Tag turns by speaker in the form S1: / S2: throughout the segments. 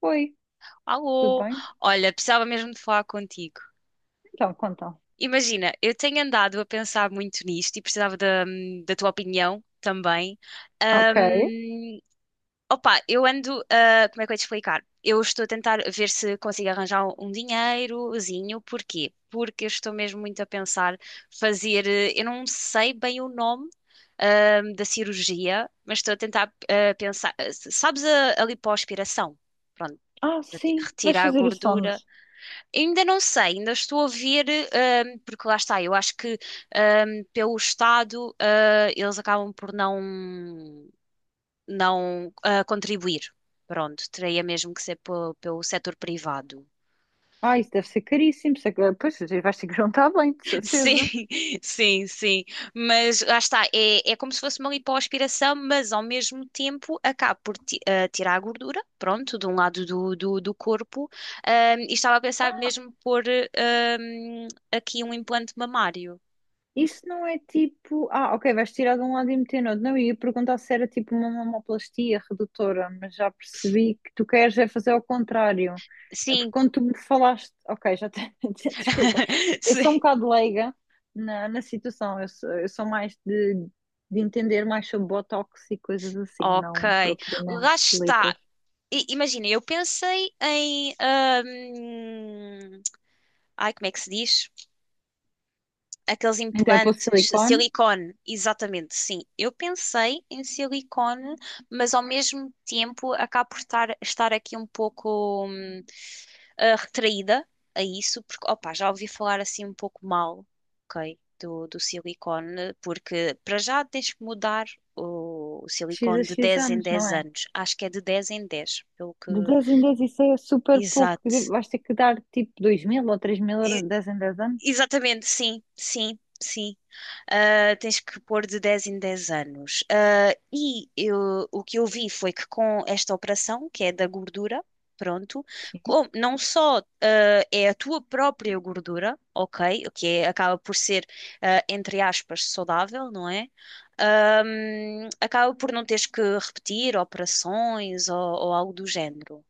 S1: Oi, tudo
S2: Alô,
S1: bem?
S2: olha, precisava mesmo de falar contigo.
S1: Então, contam.
S2: Imagina, eu tenho andado a pensar muito nisto e precisava da tua opinião também.
S1: Ok.
S2: Ahm, Opa, eu ando, como é que eu ia te explicar? Eu estou a tentar ver se consigo arranjar um dinheirozinho. Porquê? Porque eu estou mesmo muito a pensar fazer, eu não sei bem o nome, da cirurgia, mas estou a tentar, pensar. Sabes a lipoaspiração? Pronto,
S1: Ah, sim, vais
S2: retirar a
S1: fazer isso
S2: gordura.
S1: onde?
S2: Ainda não sei, ainda estou a ver, porque lá está, eu acho que pelo Estado eles acabam por não, não contribuir. Pronto, teria mesmo que ser pelo setor privado.
S1: Ah, isso deve ser caríssimo. Pois, vais ter que juntar bem, de
S2: Sim,
S1: certeza.
S2: sim, sim. Mas lá está, é como se fosse uma lipoaspiração, mas ao mesmo tempo acaba por tirar a gordura, pronto, de um lado do corpo. E estava a pensar mesmo por aqui um implante mamário.
S1: Isso não é tipo, ah, ok, vais tirar de um lado e meter no outro. Não, eu ia perguntar se era tipo uma mamoplastia redutora, mas já percebi que tu queres é fazer ao contrário. É porque
S2: Sim,
S1: quando tu me falaste, ok, já tenho, desculpa, eu
S2: sim.
S1: sou um bocado leiga na situação, eu sou mais de entender mais sobre botox e coisas assim,
S2: Ok,
S1: não propriamente
S2: lá está.
S1: lipos.
S2: Imagina, eu pensei em, ai, como é que se diz? Aqueles
S1: Então é posto
S2: implantes
S1: silicone,
S2: silicone, exatamente, sim. Eu pensei em silicone, mas ao mesmo tempo acabo por estar aqui um pouco, retraída a isso, porque, opá, já ouvi falar assim um pouco mal, ok, do silicone, porque para já tens que mudar o
S1: x a
S2: silicone de
S1: x
S2: 10 em
S1: anos, não
S2: 10
S1: é?
S2: anos. Acho que é de 10 em 10 pelo que.
S1: De 10 em 10 isso é super pouco.
S2: Exato.
S1: Vais ter que dar tipo 2000 ou 3000 euros
S2: E-
S1: de 10 em dez anos.
S2: exatamente, sim, sim, sim. Tens que pôr de 10 em 10 anos. Ah, o que eu vi foi que com esta operação, que é da gordura, pronto,
S1: Sim.
S2: não só é a tua própria gordura, ok, acaba por ser, entre aspas, saudável, não é? Acaba por não teres que repetir operações ou algo do género.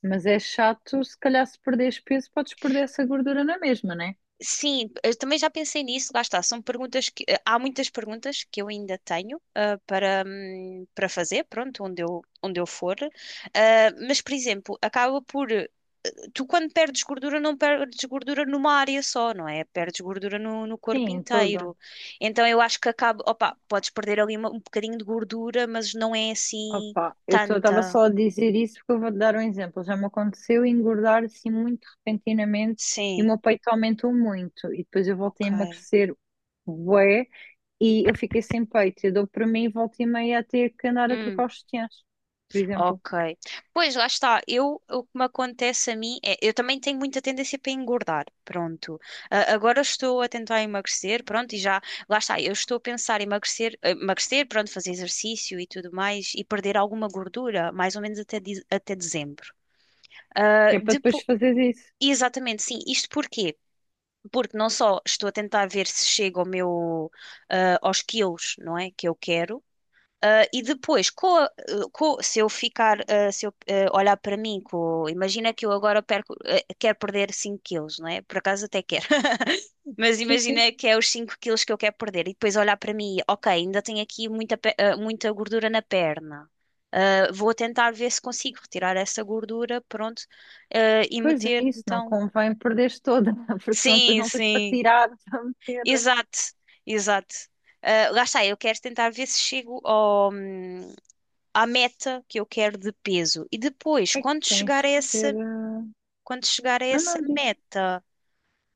S1: Mas é chato, se calhar se perderes peso, podes perder essa gordura na mesma, né?
S2: Sim, eu também já pensei nisso, lá está. São perguntas que há muitas perguntas que eu ainda tenho para, para fazer, pronto, onde eu for. Ah, mas, por exemplo, acaba por tu quando perdes gordura, não perdes gordura numa área só, não é? Perdes gordura no corpo
S1: Sim, em todo.
S2: inteiro. Então eu acho que acaba, opa, podes perder ali um bocadinho de gordura, mas não é assim
S1: Opa, eu estava
S2: tanta.
S1: só a dizer isso porque eu vou-te dar um exemplo. Já me aconteceu engordar assim muito repentinamente e o
S2: Sim,
S1: meu peito aumentou muito. E depois eu voltei
S2: ok.
S1: a emagrecer bué e eu fiquei sem peito. Eu dou para mim e volta e meia a ter que andar a
S2: Hum.
S1: trocar os sutiãs, por exemplo.
S2: Ok. Pois, lá está. Eu, o que me acontece a mim é, eu também tenho muita tendência para engordar. Pronto. Ah, agora estou a tentar emagrecer, pronto, e já, lá está. Eu estou a pensar em emagrecer, pronto, fazer exercício e tudo mais e perder alguma gordura, mais ou menos até, até dezembro. Ah,
S1: Que é para depois fazeres isso.
S2: Exatamente, sim. Isto porquê? Porque não só estou a tentar ver se chego ao meu, aos quilos, não é? Que eu quero. Ah, e depois, se eu ficar, se eu olhar para mim, imagina que eu agora quero perder 5 quilos, não é? Por acaso até quero. Mas
S1: Sim, sim.
S2: imagina que é os 5 quilos que eu quero perder. E depois olhar para mim, ok, ainda tenho aqui muita gordura na perna. Ah, vou tentar ver se consigo retirar essa gordura, pronto, e
S1: Pois é
S2: meter,
S1: isso, não
S2: então.
S1: convém perderes toda, porque senão depois
S2: Sim,
S1: não tens para
S2: sim,
S1: tirar, para meter.
S2: exato, exato. Ah, lá está, eu quero tentar ver se chego ao, à meta que eu quero de peso. E depois,
S1: É que tens que ter.
S2: quando chegar a
S1: Não,
S2: essa
S1: não, diz.
S2: meta,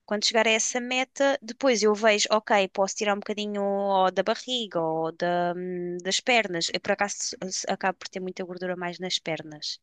S2: quando chegar a essa meta, depois eu vejo, ok, posso tirar um bocadinho da barriga ou das pernas. Eu, por acaso, acabo por ter muita gordura mais nas pernas.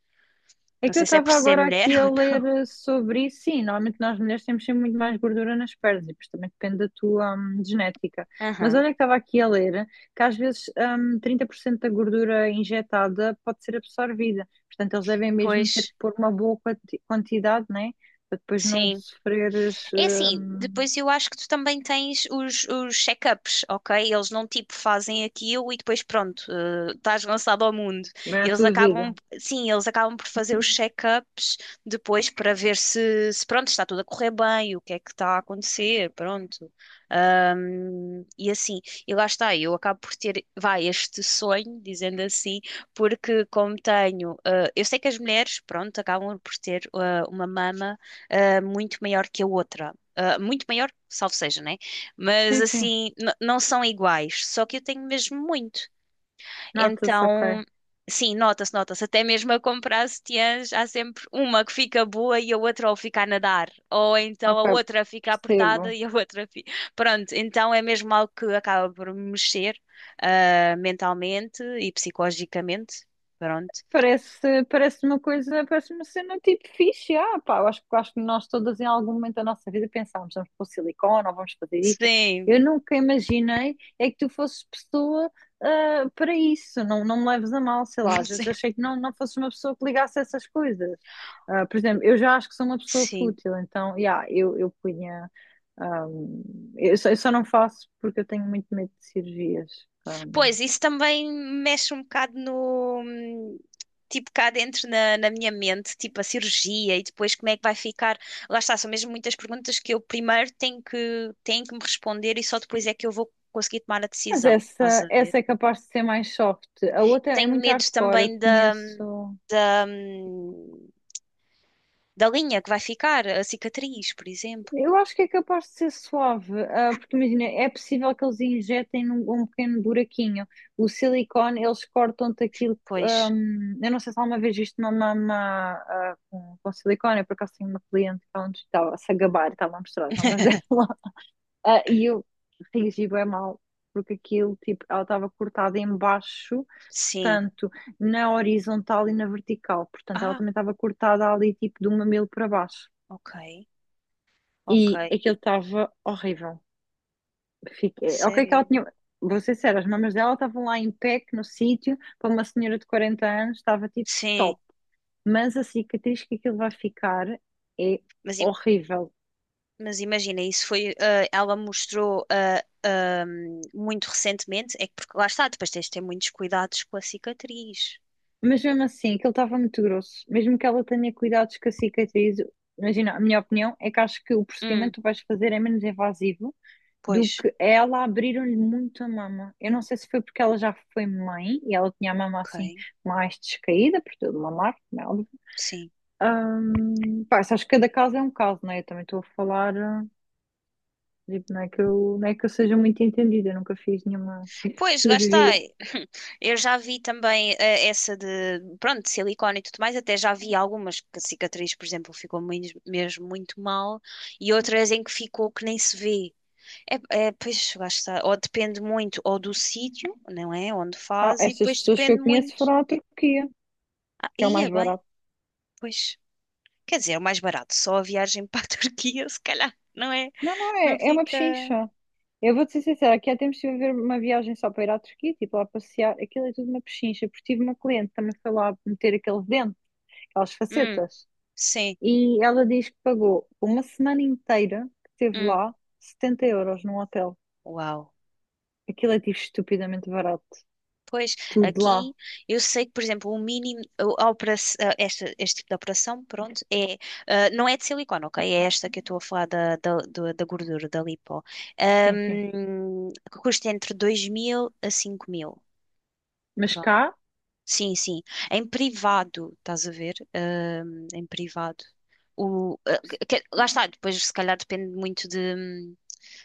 S1: É
S2: Não
S1: que eu
S2: sei se é por
S1: estava
S2: ser
S1: agora
S2: mulher
S1: aqui a
S2: ou
S1: ler
S2: não.
S1: sobre isso. Sim, normalmente nós mulheres temos sempre muito mais gordura nas pernas e depois também depende da tua genética. Mas
S2: Aham,
S1: olha que estava aqui a ler que às vezes 30% da gordura injetada pode ser absorvida. Portanto, eles devem mesmo ter
S2: pois,
S1: que pôr uma boa quantidade, né? Para depois não
S2: sim.
S1: sofreres
S2: É assim, depois eu acho que tu também tens os check-ups, ok? Eles não tipo fazem aquilo e depois pronto, estás lançado ao mundo.
S1: bem a
S2: Eles
S1: tua vida.
S2: acabam, sim, eles acabam por fazer os check-ups depois para ver se pronto, está tudo a correr bem, o que é que está a acontecer, pronto. E assim, e lá está, eu acabo por ter, vai, este sonho, dizendo assim, porque como tenho, eu sei que as mulheres, pronto, acabam por ter uma mama muito maior que a outra. Ah, muito maior, salvo seja, né? Mas
S1: Sim, sim.
S2: assim, não são iguais, só que eu tenho mesmo muito.
S1: Nota-se, ok.
S2: Então, sim, nota-se, nota-se. Até mesmo a comprar sutiãs, há sempre uma que fica boa e a outra ou fica a nadar, ou então
S1: Ok,
S2: a outra fica apertada
S1: percebo.
S2: e a outra fica. Pronto, então é mesmo algo que acaba por me mexer, mentalmente e psicologicamente. Pronto.
S1: Parece uma coisa, parece uma cena tipo fixe, ah, pá, eu acho que nós todas em algum momento da nossa vida pensámos, vamos pôr silicone, ou vamos fazer isto.
S2: Sim,
S1: Eu nunca imaginei é que tu fosses pessoa ah, para isso, não, não me leves a mal, sei lá, às vezes achei que não, não fosses uma pessoa que ligasse a essas coisas. Ah, por exemplo, eu já acho que sou uma pessoa
S2: sim.
S1: fútil, então, yeah, eu punha, ah, eu só não faço porque eu tenho muito medo de cirurgias.
S2: Pois, isso também mexe um bocado no, tipo, cá dentro na minha mente, tipo a cirurgia e depois como é que vai ficar. Lá está, são mesmo muitas perguntas que eu primeiro tenho que me responder e só depois é que eu vou conseguir tomar a
S1: Mas
S2: decisão. Estás
S1: essa,
S2: a ver?
S1: essa é capaz de ser mais soft. A outra é
S2: Tenho
S1: muito
S2: medo
S1: hardcore, eu
S2: também
S1: conheço.
S2: da, hum, da linha que vai ficar, a cicatriz, por exemplo.
S1: Eu acho que é capaz de ser suave, ah, porque imagina, é possível que eles injetem num, um pequeno buraquinho. O silicone, eles cortam-te aquilo.
S2: Pois,
S1: Eu não sei se alguma vez viste uma mama ah, com silicone, eu por acaso tenho uma cliente que ela nos estava a se gabar, estava a mostrar as mamas dela. Ah, e eu reagi bem mal, porque aquilo, tipo, ela estava cortada em baixo,
S2: sim.
S1: portanto, na horizontal e na vertical. Portanto, ela
S2: Ah,
S1: também estava cortada ali, tipo, do mamilo para baixo.
S2: ok, ok.
S1: E aquilo estava horrível. Fiquei... Ok, que ela
S2: Sério?
S1: tinha... Vou ser sério, as mamas dela estavam lá em pé, que no sítio, para uma senhora de 40 anos, estava, tipo,
S2: Sim.
S1: top. Mas a cicatriz que aquilo vai ficar é
S2: Mas
S1: horrível.
S2: Mas imagina, isso foi, ela mostrou muito recentemente, é que porque lá está, depois tens de ter muitos cuidados com a cicatriz.
S1: Mas mesmo assim, aquilo estava muito grosso. Mesmo que ela tenha cuidados com a cicatriz, imagina, a minha opinião é que acho que o procedimento
S2: Hum,
S1: que tu vais fazer é menos invasivo do
S2: Pois,
S1: que ela abriram-lhe muito a mama. Eu não sei se foi porque ela já foi mãe e ela tinha a mama assim
S2: ok,
S1: mais descaída, por tudo mamar, como é óbvio.
S2: sim.
S1: Pá, isso acho que cada caso é um caso, não é? Eu também estou a falar, ah, tipo, não é que eu seja muito entendida, eu nunca fiz nenhuma
S2: Pois, lá está.
S1: cirurgia.
S2: Eu já vi também essa de, pronto, de silicone e tudo mais, até já vi algumas que a cicatriz, por exemplo, ficou mesmo muito mal e outras em que ficou que nem se vê. É, é, pois, lá está. Ou depende muito ou do sítio, não é? Onde
S1: Ah,
S2: faz e
S1: estas
S2: depois
S1: pessoas que
S2: depende
S1: eu conheço
S2: muito.
S1: foram à Turquia,
S2: Ah,
S1: que é o
S2: ia
S1: mais
S2: bem.
S1: barato.
S2: Pois, quer dizer, é o mais barato, só a viagem para a Turquia, se calhar, não é?
S1: Não, não,
S2: Não
S1: é, é uma
S2: fica.
S1: pechincha. Eu vou-te ser sincera, aqui há tempos estive a ver uma viagem só para ir à Turquia, tipo lá passear, aquilo é tudo uma pechincha, porque tive uma cliente que também foi lá meter aquele dente, aquelas
S2: Hum,
S1: facetas,
S2: sim,
S1: e ela diz que pagou uma semana inteira que esteve
S2: hum,
S1: lá 70 euros num hotel.
S2: uau.
S1: Aquilo é tipo estupidamente barato,
S2: Pois,
S1: tudo lá.
S2: aqui eu sei que, por exemplo, o mínimo, a operação, este tipo de operação, pronto, não é de silicone, ok? É esta que eu estou a falar da gordura, da lipo,
S1: Sim, sim.
S2: Que custa entre 2.000 a 5.000.
S1: Mas cá,
S2: Sim, sim. Em privado, estás a ver? Em privado. O, ah, Lá está, depois se calhar depende muito de, hum,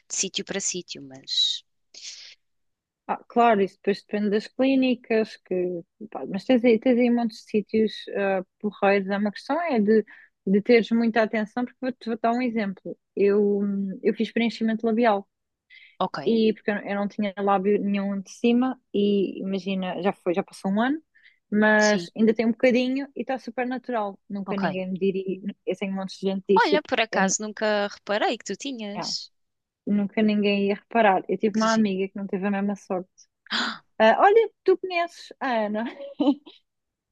S2: de sítio para sítio, mas.
S1: ah, claro, isso depois depende das clínicas, que, pá, mas tens aí montes de sítios ah, porreiros. É uma questão é de teres muita atenção, porque vou-te vou dar um exemplo. Eu fiz preenchimento labial
S2: Ok,
S1: e porque eu, não tinha lábio nenhum de cima e imagina, já foi, já passou um ano, mas
S2: sim,
S1: ainda tem um bocadinho e está super natural. Nunca
S2: ok.
S1: ninguém me diria, eu tenho montes de gente que diz,
S2: Olha,
S1: tipo,
S2: por
S1: eu não-
S2: acaso nunca reparei que tu
S1: é,
S2: tinhas.
S1: nunca ninguém ia reparar. Eu tive
S2: Que
S1: uma
S2: giro.
S1: amiga que não teve a mesma sorte. Ah, olha, tu conheces a Ana?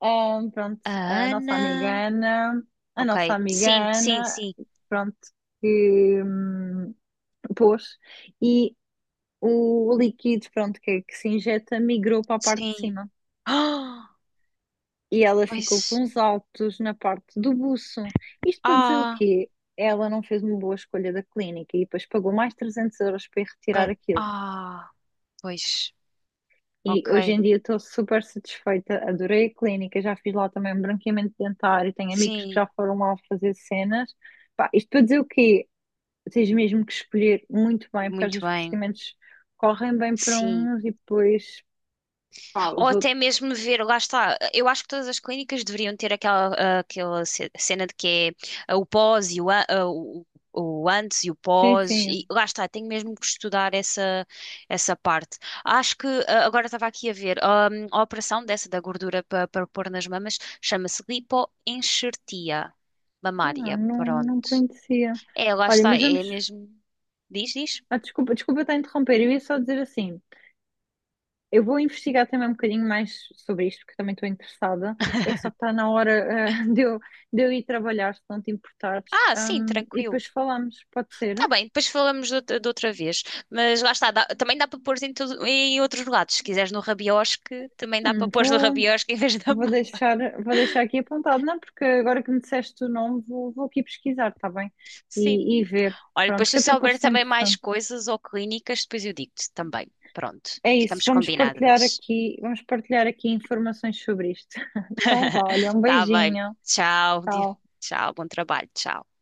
S1: Pronto,
S2: Ah,
S1: a
S2: a
S1: nossa amiga
S2: Ana.
S1: Ana, a
S2: Ok,
S1: nossa amiga
S2: sim, sim,
S1: Ana,
S2: sim,
S1: pronto, que pôs, e o líquido, pronto, que, é que se injeta migrou para a parte de
S2: sim.
S1: cima.
S2: Ah,
S1: E ela ficou
S2: pois.
S1: com os altos na parte do buço. Isto para dizer o
S2: Ah,
S1: quê? Ela não fez uma boa escolha da clínica e depois pagou mais 300 euros para ir retirar
S2: pa-
S1: aquilo.
S2: ah, pois.
S1: E
S2: Ok,
S1: hoje em dia estou super satisfeita, adorei a clínica, já fiz lá também um branqueamento dentário, tenho amigos que
S2: sim,
S1: já foram lá fazer cenas. Pá, isto para dizer o quê? Tens mesmo que escolher muito bem, porque às
S2: muito
S1: vezes os
S2: bem.
S1: procedimentos correm bem para
S2: Sim.
S1: uns e depois, pá,
S2: Ou
S1: os outros.
S2: até mesmo ver, lá está, eu acho que todas as clínicas deveriam ter aquela cena de que é o pós e o antes e o
S1: Sim,
S2: pós, e
S1: sim,
S2: lá está, tenho mesmo que estudar essa parte. Acho que, agora estava aqui a ver, a operação dessa da gordura para pôr nas mamas chama-se lipoenxertia
S1: não,
S2: mamária,
S1: não,
S2: pronto.
S1: não conhecia.
S2: É, lá
S1: Olha,
S2: está,
S1: mas
S2: é
S1: vamos.
S2: mesmo, diz, diz.
S1: Ah, desculpa estar a interromper, eu ia só dizer assim. Eu vou investigar também um bocadinho mais sobre isto, porque também estou interessada. É que só que está na hora, eh, de eu, de eu ir trabalhar, se não te importares.
S2: Ah, sim,
S1: E
S2: tranquilo.
S1: depois falamos, pode
S2: Tá
S1: ser?
S2: bem, depois falamos de outra vez. Mas lá está, também dá para pôr em outros lados. Se quiseres no rabiosque, também dá para
S1: Hum,
S2: pôr no
S1: vou,
S2: rabiosque em vez da
S1: vou
S2: mão.
S1: deixar, vou deixar aqui apontado, não? Porque agora que me disseste o nome, vou aqui pesquisar, está bem?
S2: Sim.
S1: E ver.
S2: Olha, depois
S1: Pronto,
S2: se eu
S1: que até
S2: souber
S1: pareceu
S2: também mais
S1: interessante.
S2: coisas ou clínicas, depois eu digo-te também. Pronto,
S1: É isso,
S2: ficamos combinadas.
S1: vamos partilhar aqui informações sobre isto. Então vá, olha, um
S2: Tá bem.
S1: beijinho.
S2: Tchau.
S1: Tchau.
S2: Tchau, bom trabalho. Tchau.